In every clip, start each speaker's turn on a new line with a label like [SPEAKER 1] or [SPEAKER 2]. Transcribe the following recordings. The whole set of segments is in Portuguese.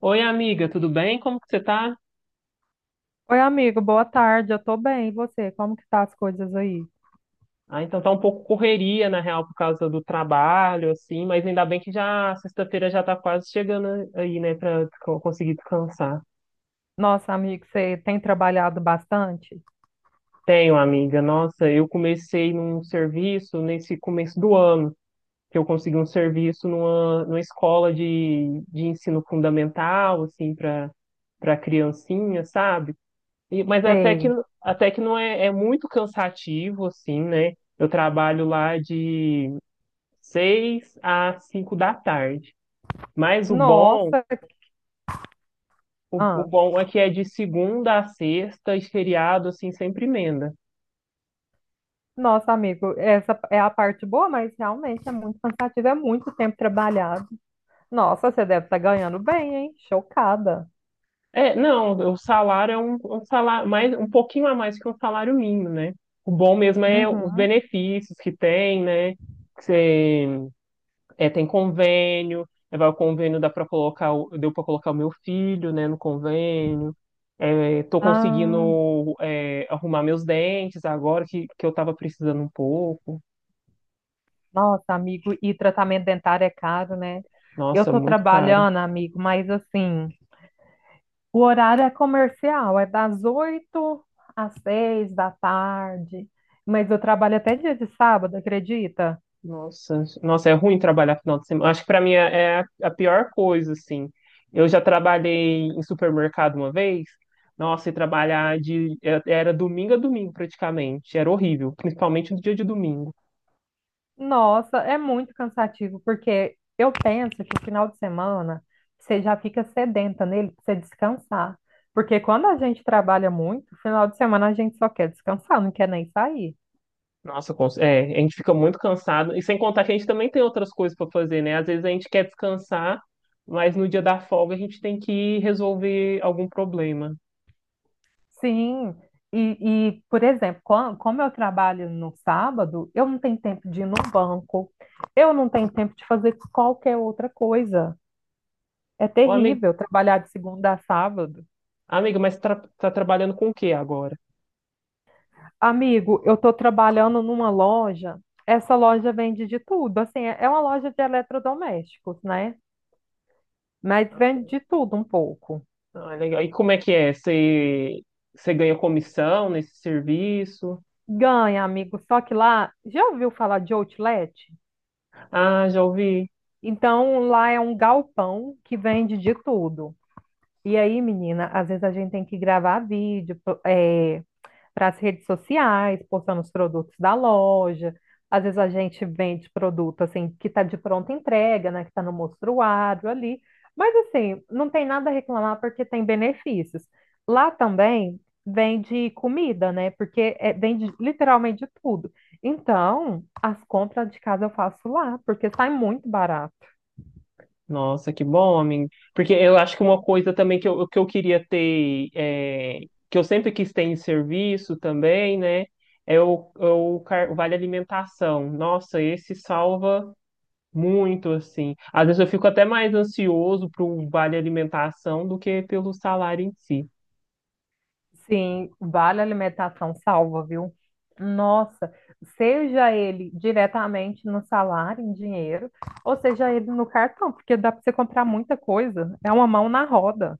[SPEAKER 1] Oi, amiga, tudo bem? Como que você tá?
[SPEAKER 2] Oi, amigo, boa tarde. Eu tô bem. E você? Como que tá as coisas aí?
[SPEAKER 1] Ah, então tá um pouco correria, na real, por causa do trabalho, assim, mas ainda bem que já sexta-feira já tá quase chegando aí, né, pra conseguir descansar.
[SPEAKER 2] Nossa, amigo, você tem trabalhado bastante?
[SPEAKER 1] Tenho, amiga. Nossa, eu comecei num serviço nesse começo do ano, que eu consegui um serviço numa escola de ensino fundamental, assim, para criancinha, sabe? Mas
[SPEAKER 2] Sei.
[SPEAKER 1] até que não é, é muito cansativo, assim, né? Eu trabalho lá de seis a cinco da tarde. Mas o bom,
[SPEAKER 2] Nossa,
[SPEAKER 1] o, o
[SPEAKER 2] ah,
[SPEAKER 1] bom é que é de segunda a sexta e feriado, assim, sempre emenda.
[SPEAKER 2] nossa, amigo, essa é a parte boa, mas realmente é muito cansativo, é muito tempo trabalhado. Nossa, você deve estar ganhando bem, hein? Chocada.
[SPEAKER 1] É, não, o salário é um salário um pouquinho a mais que um salário mínimo, né? O bom mesmo é os
[SPEAKER 2] Uhum.
[SPEAKER 1] benefícios que tem, né? Que você, é, tem convênio, é, vai o convênio dá para colocar, o- deu para colocar o meu filho, né, no convênio. É, tô
[SPEAKER 2] Ah,
[SPEAKER 1] conseguindo arrumar meus dentes agora que eu tava precisando um pouco.
[SPEAKER 2] nossa, amigo, e tratamento dentário é caro, né? Eu
[SPEAKER 1] Nossa,
[SPEAKER 2] tô
[SPEAKER 1] muito caro.
[SPEAKER 2] trabalhando, amigo, mas assim. O horário é comercial, é das 8 às 6 da tarde. Mas eu trabalho até dia de sábado, acredita?
[SPEAKER 1] Nossa, nossa, é ruim trabalhar final de semana. Acho que para mim é a pior coisa, assim. Eu já trabalhei em supermercado uma vez. Nossa, e trabalhar de era domingo a domingo praticamente. Era horrível, principalmente no dia de domingo.
[SPEAKER 2] Nossa, é muito cansativo, porque eu penso que o final de semana você já fica sedenta nele para você descansar. Porque quando a gente trabalha muito, final de semana a gente só quer descansar, não quer nem sair.
[SPEAKER 1] Nossa, a gente fica muito cansado. E sem contar que a gente também tem outras coisas para fazer, né? Às vezes a gente quer descansar, mas no dia da folga a gente tem que resolver algum problema.
[SPEAKER 2] Sim, por exemplo, como eu trabalho no sábado, eu não tenho tempo de ir no banco, eu não tenho tempo de fazer qualquer outra coisa. É
[SPEAKER 1] Ô, amigo,
[SPEAKER 2] terrível trabalhar de segunda a sábado.
[SPEAKER 1] amiga, mas tra tá trabalhando com o que agora?
[SPEAKER 2] Amigo, eu estou trabalhando numa loja, essa loja vende de tudo, assim, é uma loja de eletrodomésticos, né? Mas vende de tudo um pouco.
[SPEAKER 1] Ah, legal. E como é que é? Você, você ganha comissão nesse serviço?
[SPEAKER 2] Ganha, amigo, só que lá, já ouviu falar de outlet?
[SPEAKER 1] Ah, já ouvi.
[SPEAKER 2] Então, lá é um galpão que vende de tudo. E aí, menina, às vezes a gente tem que gravar vídeo para as redes sociais, postando os produtos da loja. Às vezes a gente vende produto assim que está de pronta entrega, né? Que está no mostruário ali. Mas assim, não tem nada a reclamar porque tem benefícios. Lá também vende comida, né? Porque é, vende literalmente de tudo. Então, as compras de casa eu faço lá, porque sai muito barato.
[SPEAKER 1] Nossa, que bom, amigo. Porque eu acho que uma coisa também que eu queria ter, é, que eu sempre quis ter em serviço também, né? É o vale alimentação. Nossa, esse salva muito, assim. Às vezes eu fico até mais ansioso para o vale alimentação do que pelo salário em si.
[SPEAKER 2] Sim, vale a alimentação salva, viu? Nossa, seja ele diretamente no salário, em dinheiro, ou seja ele no cartão, porque dá para você comprar muita coisa. É uma mão na roda.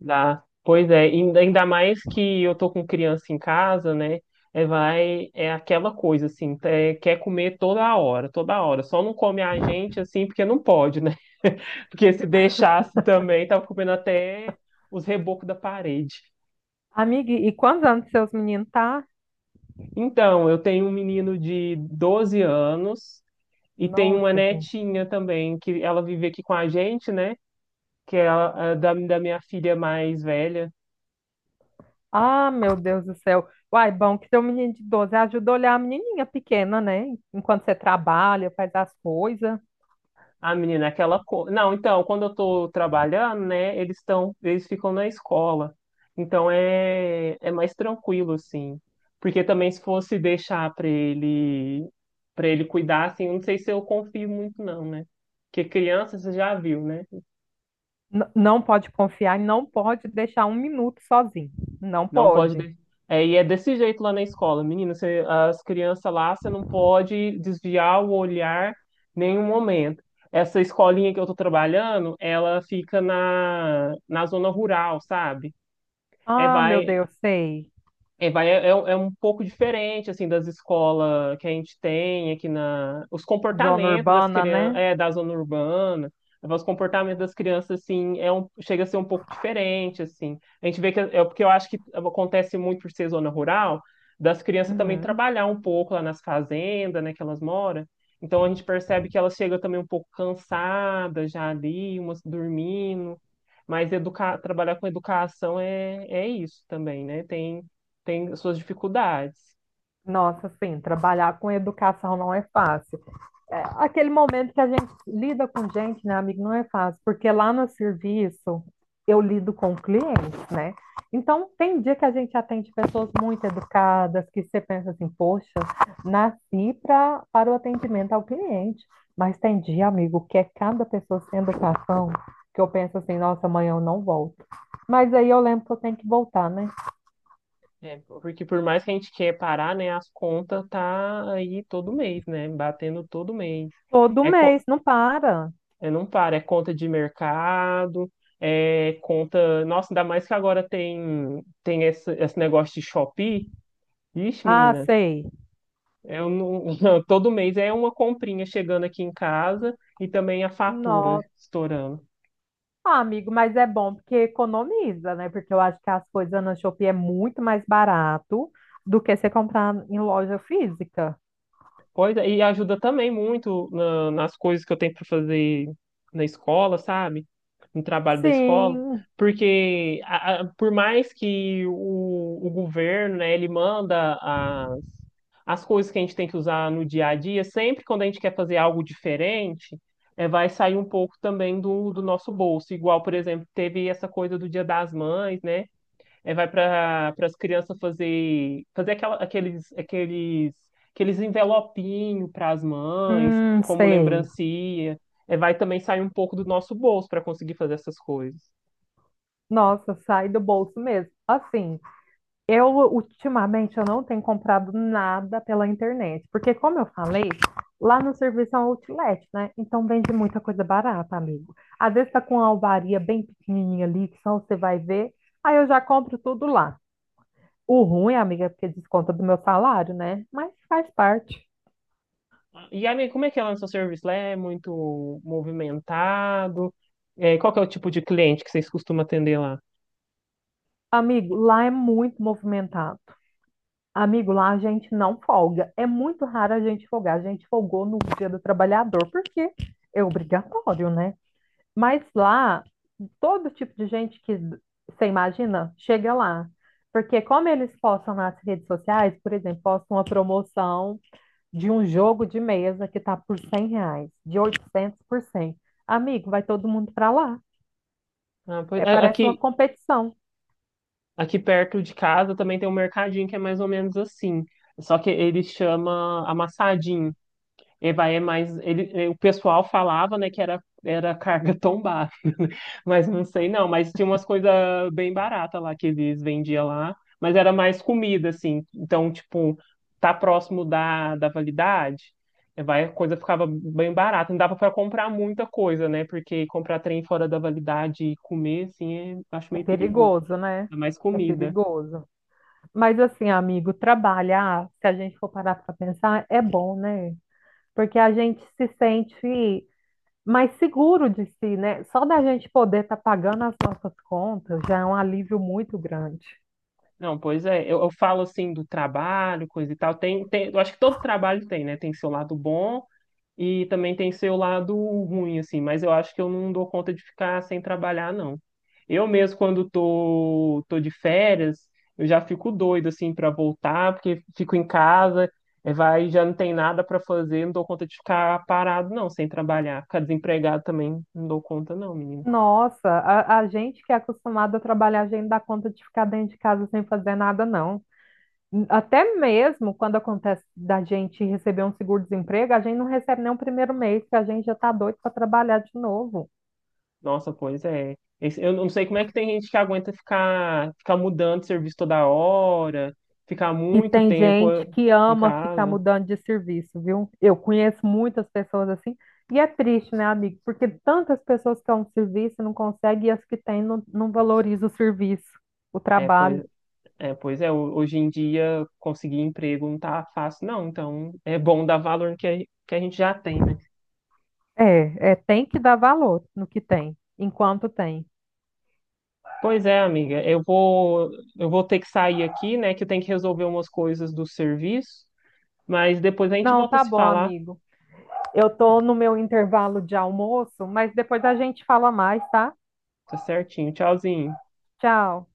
[SPEAKER 1] Dá. Pois é, ainda mais que eu tô com criança em casa, né? É, vai, é aquela coisa assim, é, quer comer toda hora, toda hora. Só não come a gente assim, porque não pode, né? Porque se deixasse também, tava comendo até os rebocos da parede.
[SPEAKER 2] Amiga, e quantos anos seus meninos tá?
[SPEAKER 1] Então, eu tenho um menino de 12 anos e tenho uma
[SPEAKER 2] Nossa, gente.
[SPEAKER 1] netinha também, que ela vive aqui com a gente, né? Que é da minha filha mais velha.
[SPEAKER 2] Ah, meu Deus do céu. Uai, bom que seu menino de 12 ajuda a olhar a menininha pequena, né? Enquanto você trabalha, faz as coisas.
[SPEAKER 1] A menina, é aquela coisa. Não, então, quando eu tô trabalhando, né, eles ficam na escola. Então é mais tranquilo, assim. Porque também se fosse deixar pra ele, para ele cuidar, assim, eu não sei se eu confio muito, não, né? Porque criança, você já viu, né?
[SPEAKER 2] Não pode confiar e não pode deixar um minuto sozinho. Não
[SPEAKER 1] Não pode.
[SPEAKER 2] pode.
[SPEAKER 1] É, e é desse jeito lá na escola, menina. As crianças lá, você não pode desviar o olhar em nenhum momento. Essa escolinha que eu tô trabalhando, ela fica na zona rural, sabe? É,
[SPEAKER 2] Ah, meu
[SPEAKER 1] vai,
[SPEAKER 2] Deus, sei.
[SPEAKER 1] é um um pouco diferente, assim, das escolas que a gente tem aqui na... Os
[SPEAKER 2] Zona
[SPEAKER 1] comportamentos das
[SPEAKER 2] urbana,
[SPEAKER 1] crianças,
[SPEAKER 2] né?
[SPEAKER 1] é, da zona urbana, os comportamentos das crianças, assim, é um, chega a ser um pouco diferente, assim. A gente vê que, é porque eu acho que acontece muito por ser zona rural, das crianças também
[SPEAKER 2] Uhum.
[SPEAKER 1] trabalhar um pouco lá nas fazendas, né, que elas moram. Então a gente percebe que elas chegam também um pouco cansadas já ali, umas dormindo. Mas educar, trabalhar com educação é isso também, né? Tem suas dificuldades.
[SPEAKER 2] Nossa, sim, trabalhar com educação não é fácil. É, aquele momento que a gente lida com gente, né, amigo, não é fácil, porque lá no serviço eu lido com clientes, né? Então, tem dia que a gente atende pessoas muito educadas, que você pensa assim, poxa, para o atendimento ao cliente. Mas tem dia, amigo, que é cada pessoa sem educação, que eu penso assim, nossa, amanhã eu não volto. Mas aí eu lembro que eu tenho que voltar, né?
[SPEAKER 1] É, porque por mais que a gente quer parar, né, as contas tá aí todo mês, né? Batendo todo mês.
[SPEAKER 2] Todo
[SPEAKER 1] É, co-
[SPEAKER 2] mês, não para.
[SPEAKER 1] é não para, é conta de mercado, é conta. Nossa, ainda mais que agora tem esse negócio de Shopee. Ixi,
[SPEAKER 2] Ah,
[SPEAKER 1] menina,
[SPEAKER 2] sei.
[SPEAKER 1] eu não... todo mês é uma comprinha chegando aqui em casa e também a fatura
[SPEAKER 2] Nossa,
[SPEAKER 1] estourando.
[SPEAKER 2] ah, amigo, mas é bom porque economiza, né? Porque eu acho que as coisas na Shopee é muito mais barato do que você comprar em loja física.
[SPEAKER 1] Pois é, e ajuda também muito nas coisas que eu tenho para fazer na escola, sabe? No trabalho da escola.
[SPEAKER 2] Sim,
[SPEAKER 1] Porque por mais que o governo, né, ele manda as coisas que a gente tem que usar no dia a dia, sempre quando a gente quer fazer algo diferente, é, vai sair um pouco também do nosso bolso. Igual, por exemplo, teve essa coisa do Dia das Mães, né? É, vai para as crianças fazer aqueles aqueles envelopinhos para as mães, como
[SPEAKER 2] sei.
[SPEAKER 1] lembrancinha. É, vai também sair um pouco do nosso bolso para conseguir fazer essas coisas.
[SPEAKER 2] Nossa, sai do bolso mesmo. Assim, eu, ultimamente, eu não tenho comprado nada pela internet, porque, como eu falei, lá no serviço é um outlet, né? Então vende muita coisa barata, amigo. Às vezes tá com uma alvaria bem pequenininha ali, que só você vai ver, aí eu já compro tudo lá. O ruim, amiga, é porque desconta do meu salário, né? Mas faz parte.
[SPEAKER 1] E aí, como é que é lá no seu serviço? Lá é muito movimentado? É, qual que é o tipo de cliente que vocês costumam atender lá?
[SPEAKER 2] Amigo, lá é muito movimentado. Amigo, lá a gente não folga. É muito raro a gente folgar. A gente folgou no Dia do Trabalhador, porque é obrigatório, né? Mas lá todo tipo de gente que você imagina chega lá. Porque como eles postam nas redes sociais, por exemplo, postam uma promoção de um jogo de mesa que está por R$ 100, de 800 por cem. Amigo, vai todo mundo para lá. É, parece uma
[SPEAKER 1] Aqui
[SPEAKER 2] competição.
[SPEAKER 1] aqui perto de casa também tem um mercadinho que é mais ou menos assim. Só que ele chama amassadinho. Ele vai é mais. Ele, é, o pessoal falava, né, era carga tombada, mas não sei não. Mas tinha umas coisas bem baratas lá que eles vendiam lá, mas era mais comida, assim. Então, tipo, tá próximo da validade, é, vai, a coisa ficava bem barata. Não dava para comprar muita coisa, né? Porque comprar trem fora da validade e comer, assim, é, acho
[SPEAKER 2] É
[SPEAKER 1] meio perigoso.
[SPEAKER 2] perigoso, né?
[SPEAKER 1] É mais
[SPEAKER 2] É
[SPEAKER 1] comida.
[SPEAKER 2] perigoso. Mas assim, amigo, trabalhar, se a gente for parar para pensar, é bom, né? Porque a gente se sente mais seguro de si, né? Só da gente poder estar pagando as nossas contas já é um alívio muito grande.
[SPEAKER 1] Não, pois é, eu falo assim do trabalho, coisa e tal. Eu acho que todo trabalho tem, né? Tem seu lado bom e também tem seu lado ruim, assim, mas eu acho que eu não dou conta de ficar sem trabalhar, não. Eu mesmo, quando tô de férias, eu já fico doido, assim, para voltar, porque fico em casa, já não tem nada para fazer, não dou conta de ficar parado, não, sem trabalhar. Ficar desempregado também, não dou conta, não, menino.
[SPEAKER 2] Nossa, a gente que é acostumado a trabalhar, a gente dá conta de ficar dentro de casa sem fazer nada, não. Até mesmo quando acontece da gente receber um seguro-desemprego, a gente não recebe nem o primeiro mês, que a gente já está doido para trabalhar de novo.
[SPEAKER 1] Nossa, pois é. Eu não sei como é que tem gente que aguenta ficar mudando de serviço toda hora, ficar
[SPEAKER 2] E
[SPEAKER 1] muito
[SPEAKER 2] tem
[SPEAKER 1] tempo
[SPEAKER 2] gente que
[SPEAKER 1] em
[SPEAKER 2] ama ficar
[SPEAKER 1] casa.
[SPEAKER 2] mudando de serviço, viu? Eu conheço muitas pessoas assim, e é triste, né, amigo? Porque tantas pessoas que é um serviço e não conseguem, e as que têm não, não valorizam o serviço, o
[SPEAKER 1] É, pois
[SPEAKER 2] trabalho.
[SPEAKER 1] Hoje em dia conseguir emprego não tá fácil, não. Então é bom dar valor no que que a gente já tem, né?
[SPEAKER 2] É, é, tem que dar valor no que tem, enquanto tem.
[SPEAKER 1] Pois é, amiga, eu vou ter que sair aqui, né? Que eu tenho que resolver umas coisas do serviço, mas depois a gente
[SPEAKER 2] Não,
[SPEAKER 1] volta a
[SPEAKER 2] tá
[SPEAKER 1] se
[SPEAKER 2] bom,
[SPEAKER 1] falar,
[SPEAKER 2] amigo. Eu tô no meu intervalo de almoço, mas depois a gente fala mais, tá?
[SPEAKER 1] tá certinho? Tchauzinho.
[SPEAKER 2] Tchau.